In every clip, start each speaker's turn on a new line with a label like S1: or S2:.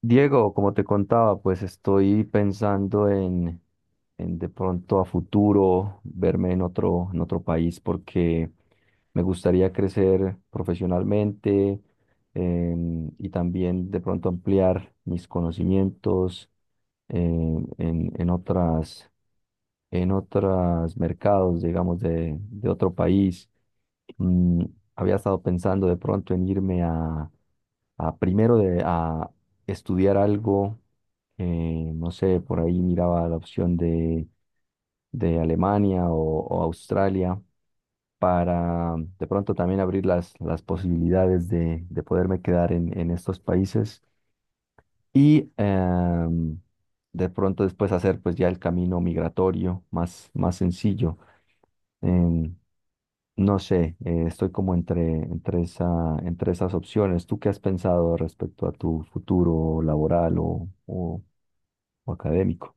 S1: Diego, como te contaba, pues estoy pensando en de pronto a futuro verme en otro país porque me gustaría crecer profesionalmente, y también de pronto ampliar mis conocimientos en, en, en otras, en otros mercados, digamos, de otro país. Mm, había estado pensando de pronto en irme a estudiar algo. No sé, por ahí miraba la opción de Alemania o Australia para de pronto también abrir las posibilidades de poderme quedar en estos países y, de pronto, después hacer pues ya el camino migratorio más sencillo. Em, no sé, estoy como entre esas opciones. ¿Tú qué has pensado respecto a tu futuro laboral o académico?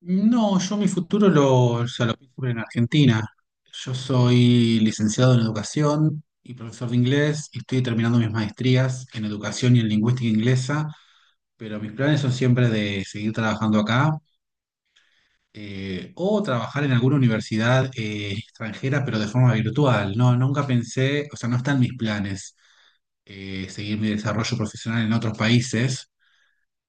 S2: No, yo mi futuro o sea, lo pienso en Argentina. Yo soy licenciado en educación y profesor de inglés y estoy terminando mis maestrías en educación y en lingüística inglesa, pero mis planes son siempre de seguir trabajando acá o trabajar en alguna universidad extranjera, pero de forma virtual. No, nunca pensé, o sea, no están mis planes seguir mi desarrollo profesional en otros países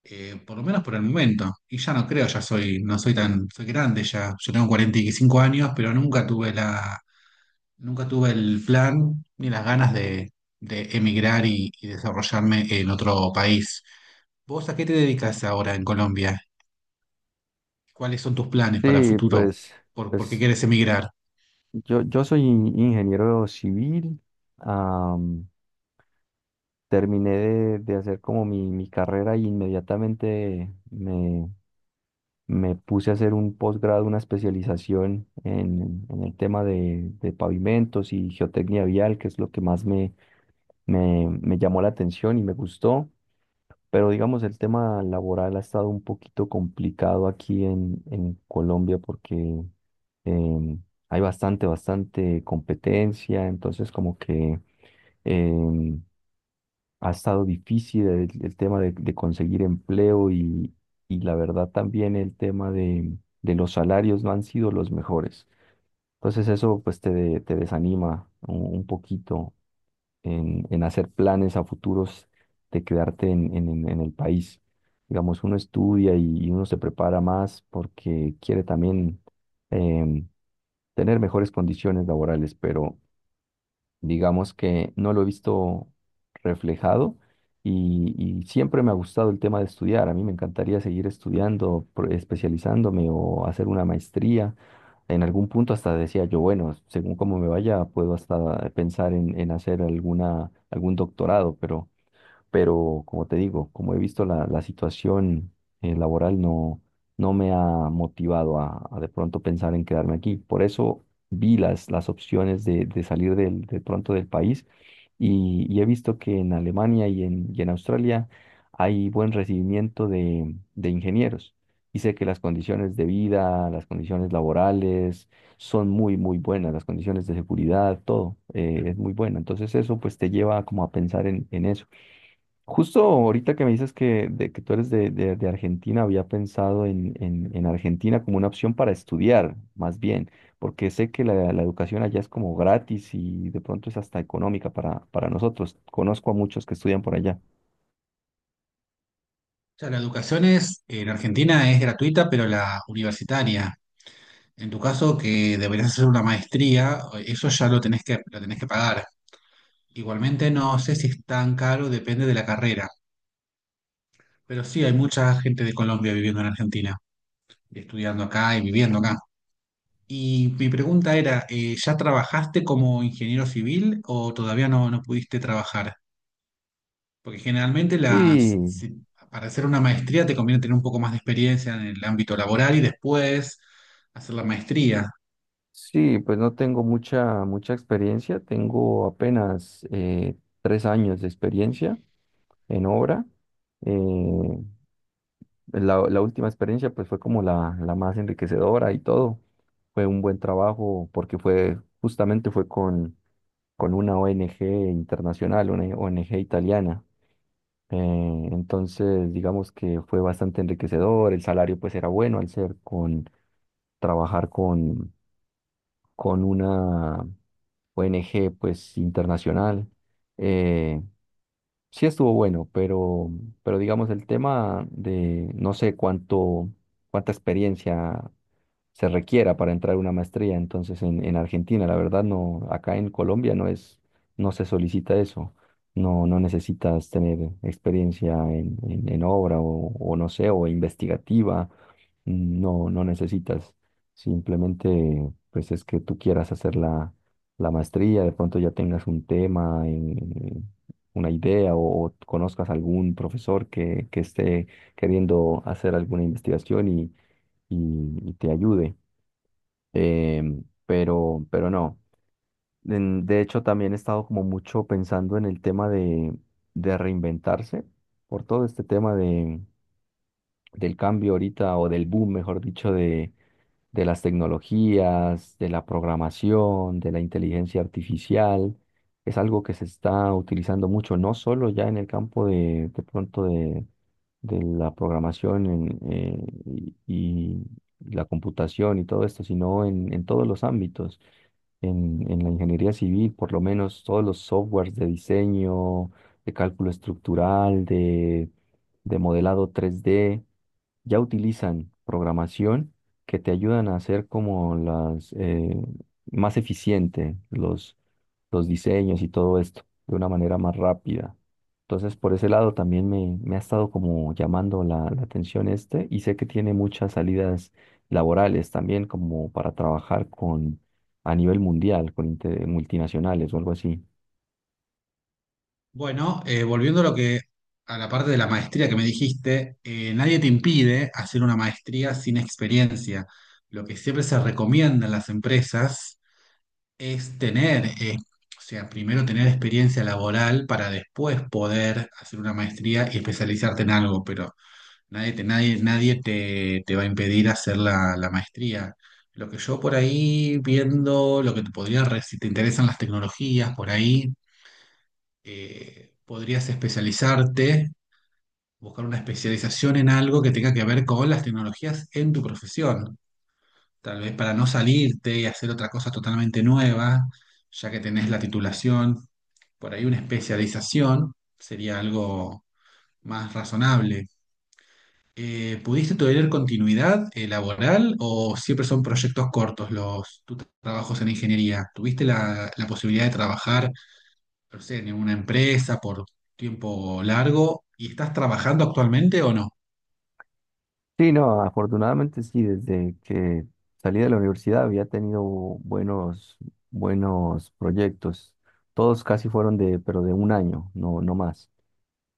S2: por lo menos por el momento. Y ya no creo, ya soy, no soy tan, soy grande ya. Yo tengo 45 años, pero nunca tuve nunca tuve el plan ni las ganas de emigrar y desarrollarme en otro país. ¿Vos a qué te dedicas ahora en Colombia? ¿Cuáles son tus planes para
S1: Sí,
S2: futuro?
S1: pues,
S2: ¿Por qué
S1: pues
S2: quieres emigrar? O
S1: yo soy ingeniero civil. am, terminé de hacer como mi carrera, y inmediatamente me puse a hacer un posgrado, una especialización en el tema de pavimentos y geotecnia vial, que es lo que más me llamó la atención y me gustó. Pero digamos, el tema laboral ha estado un poquito complicado aquí en Colombia porque, em, hay bastante, bastante competencia, entonces como que, em, ha estado difícil el tema de conseguir empleo, y la verdad también el tema de los salarios no han sido los mejores. Entonces eso pues te desanima un poquito en hacer planes a futuros de quedarte en en el país. Digamos, uno estudia, y uno se prepara más porque quiere también, em, tener mejores condiciones laborales, pero digamos que no lo he visto reflejado, y siempre me ha gustado el tema de estudiar. A mí me encantaría seguir estudiando, especializándome o hacer una maestría. En algún punto hasta decía yo, bueno, según cómo me vaya, puedo hasta pensar en hacer algún doctorado, pero, como te digo, como he visto la situación, laboral, no me ha motivado a de pronto pensar en quedarme aquí. Por eso vi las opciones de salir de pronto del país, y he visto que en Alemania y y en Australia hay buen recibimiento de ingenieros. Y sé que las condiciones de vida, las condiciones laborales son muy, muy buenas, las condiciones de seguridad, todo, es muy bueno. Entonces eso pues te lleva como a pensar en eso. Justo ahorita que me dices que tú eres de Argentina, había pensado en Argentina como una opción para estudiar, más bien, porque sé que la educación allá es como gratis y de pronto es hasta económica para nosotros. Conozco a muchos que estudian por allá.
S2: sea, la educación en Argentina es gratuita, pero la universitaria. En tu caso, que deberías hacer una maestría, eso ya lo tenés que pagar. Igualmente no sé si es tan caro, depende de la carrera, pero sí hay mucha gente de Colombia viviendo en Argentina, estudiando acá y viviendo acá. Y mi pregunta era, ¿ya trabajaste como ingeniero civil o todavía no, no pudiste trabajar? Porque generalmente las,
S1: Sí,
S2: si- para hacer una maestría te conviene tener un poco más de experiencia en el ámbito laboral y después hacer la maestría.
S1: sí, pues no tengo mucha, mucha experiencia, tengo apenas, 3 años de experiencia en obra. Eh, la última experiencia pues fue como la más enriquecedora y todo. Fue un buen trabajo porque justamente fue con una ONG internacional, una ONG italiana. Entonces, digamos que fue bastante enriquecedor, el salario pues era bueno al ser con trabajar con una ONG pues internacional. Eh, sí estuvo bueno, pero, digamos el tema de no sé cuánta experiencia se requiera para entrar a una maestría. Entonces, en Argentina, la verdad, no, acá en Colombia no se solicita eso. No, no necesitas tener experiencia en obra, o no sé, o investigativa. No, no necesitas. Simplemente, pues es que tú quieras hacer la maestría, de pronto ya tengas un tema, en una idea, o conozcas algún profesor que esté queriendo hacer alguna investigación y te ayude, pero, no. De hecho, también he estado como mucho pensando en el tema de reinventarse por todo este tema del cambio ahorita, o del boom, mejor dicho, de las tecnologías, de la programación, de la inteligencia artificial. Es algo que se está utilizando mucho, no solo ya en el campo de pronto de la programación, y la computación y todo esto, sino en todos los ámbitos. En la ingeniería civil, por lo menos todos los softwares de diseño, de cálculo estructural, de modelado 3D, ya utilizan programación que te ayudan a hacer como las más eficiente los diseños y todo esto de una manera más rápida. Entonces, por ese lado también me ha estado como llamando la atención, y sé que tiene muchas salidas laborales también, como para trabajar con a nivel mundial, con multinacionales o algo así.
S2: Bueno, volviendo a lo que a la parte de la maestría que me dijiste, nadie te impide hacer una maestría sin experiencia. Lo que siempre se recomienda en las empresas es tener, o sea, primero tener experiencia laboral para después poder hacer una maestría y especializarte en algo, pero nadie te va a impedir hacer la maestría. Lo que yo por ahí viendo, lo que te podría, si te interesan las tecnologías, por ahí podrías especializarte, buscar una especialización en algo que tenga que ver con las tecnologías en tu profesión, tal vez para no salirte y hacer otra cosa totalmente nueva, ya que tenés la titulación, por ahí una especialización sería algo más razonable. ¿Pudiste tener continuidad laboral o siempre son proyectos cortos los tus trabajos en ingeniería? ¿Tuviste la posibilidad de trabajar? No sé, ¿en una empresa por tiempo largo y estás trabajando actualmente o no?
S1: Sí, no, afortunadamente sí, desde que salí de la universidad había tenido buenos, buenos proyectos. Todos casi fueron pero de un año, no, no más.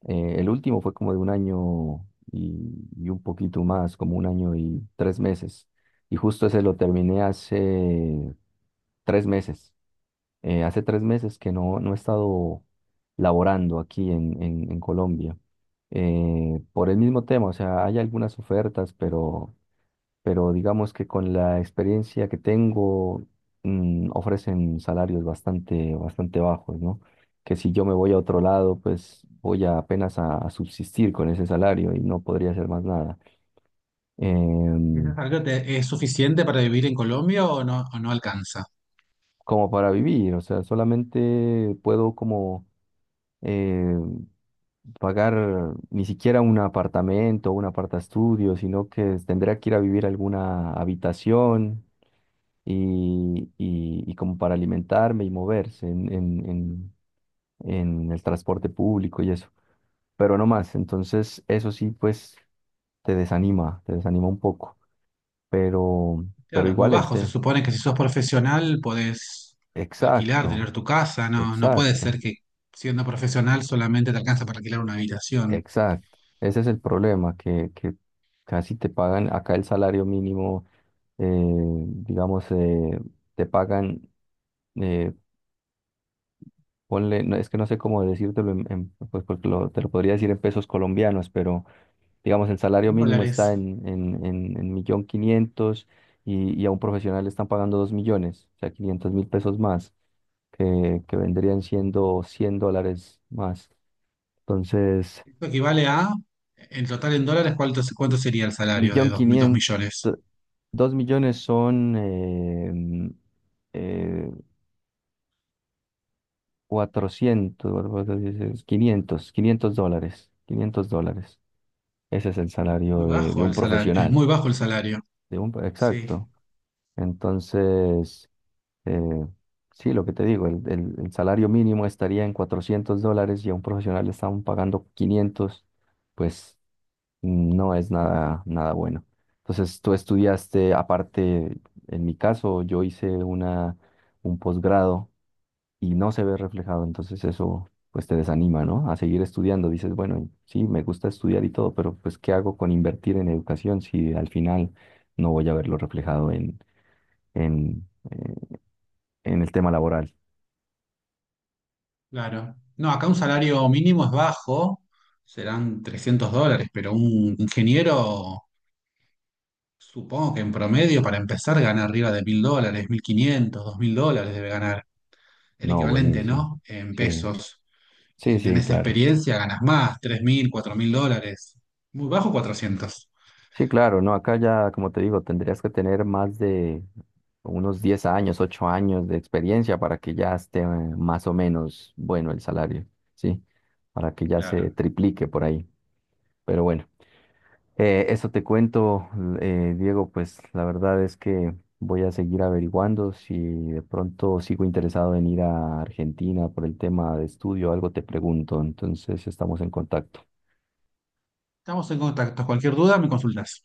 S1: El último fue como de un año, y, y un poquito más, como un año y 3 meses. Y justo ese lo terminé hace 3 meses. Hace 3 meses que no he estado laborando aquí en Colombia, por el mismo tema. O sea, hay algunas ofertas, pero digamos que con la experiencia que tengo, ofrecen salarios bastante, bastante bajos, ¿no? Que si yo me voy a otro lado, pues voy a apenas a subsistir con ese salario y no podría hacer más nada.
S2: ¿Y ese
S1: Em,
S2: salario es suficiente para vivir en Colombia o no alcanza?
S1: como para vivir, o sea, solamente puedo como, eh, pagar ni siquiera un apartamento o un apartaestudio, sino que tendría que ir a vivir a alguna habitación, y como para alimentarme y moverse en el transporte público y eso, pero no más. Entonces, eso sí, pues te desanima un poco, pero, pero
S2: Claro, es muy
S1: igual el
S2: bajo. Se
S1: té.
S2: supone que si sos profesional podés alquilar, tener
S1: Exacto,
S2: tu casa. No, no puede ser
S1: exacto.
S2: que siendo profesional solamente te alcanza para alquilar una habitación.
S1: Exacto, ese es el problema, que casi te pagan acá el salario mínimo. Eh, digamos, te pagan, eh, ponle, no, es que no sé cómo decírtelo, pues porque te lo podría decir en pesos colombianos, pero digamos, el salario
S2: En
S1: mínimo
S2: dólares.
S1: está en 1.500.000, y a un profesional le están pagando 2.000.000, o sea, 500.000 pesos más, que vendrían siendo $100 más. Entonces.
S2: Esto equivale a, en total en dólares, ¿cuánto sería el salario de
S1: Millón
S2: dos
S1: quinientos,
S2: millones?
S1: 2.000.000 son, eh, 400, cuatrocientos, dices, 500 $500, $500. Ese es el
S2: Muy
S1: salario de
S2: bajo el
S1: un
S2: salario. Es
S1: profesional,
S2: muy bajo el salario.
S1: de un,
S2: Sí.
S1: exacto. Entonces, eh, sí, lo que te digo, el salario mínimo estaría en $400 y a un profesional le estaban pagando 500. Pues no es nada, nada bueno. Entonces, tú estudiaste, aparte, en mi caso, yo hice un posgrado y no se ve reflejado, entonces eso pues te desanima, ¿no? A seguir estudiando. Dices, bueno, sí, me gusta estudiar y todo, pero pues ¿qué hago con invertir en educación si al final no voy a verlo reflejado en, eh, en el tema laboral?
S2: Claro. No, acá un salario mínimo es bajo, serán 300 dólares, pero un ingeniero, supongo que en promedio, para empezar, gana arriba de 1.000 dólares, 1.500, 2.000 dólares debe ganar. El
S1: No,
S2: equivalente,
S1: buenísimo.
S2: ¿no? En
S1: Sí,
S2: pesos. Y
S1: sí,
S2: si
S1: sí,
S2: tenés
S1: claro.
S2: experiencia, ganas más, 3.000, 4.000 dólares. Muy bajo, 400.
S1: Sí, claro, no, acá ya, como te digo, tendrías que tener más de unos 10 años, 8 años de experiencia para que ya esté, más o menos bueno el salario, ¿sí? Para que ya se
S2: Claro.
S1: triplique por ahí. Pero bueno, eso te cuento, Diego, pues la verdad es que voy a seguir averiguando. Si de pronto sigo interesado en ir a Argentina por el tema de estudio, algo te pregunto, entonces estamos en contacto.
S2: Estamos en contacto. Cualquier duda, me consultas.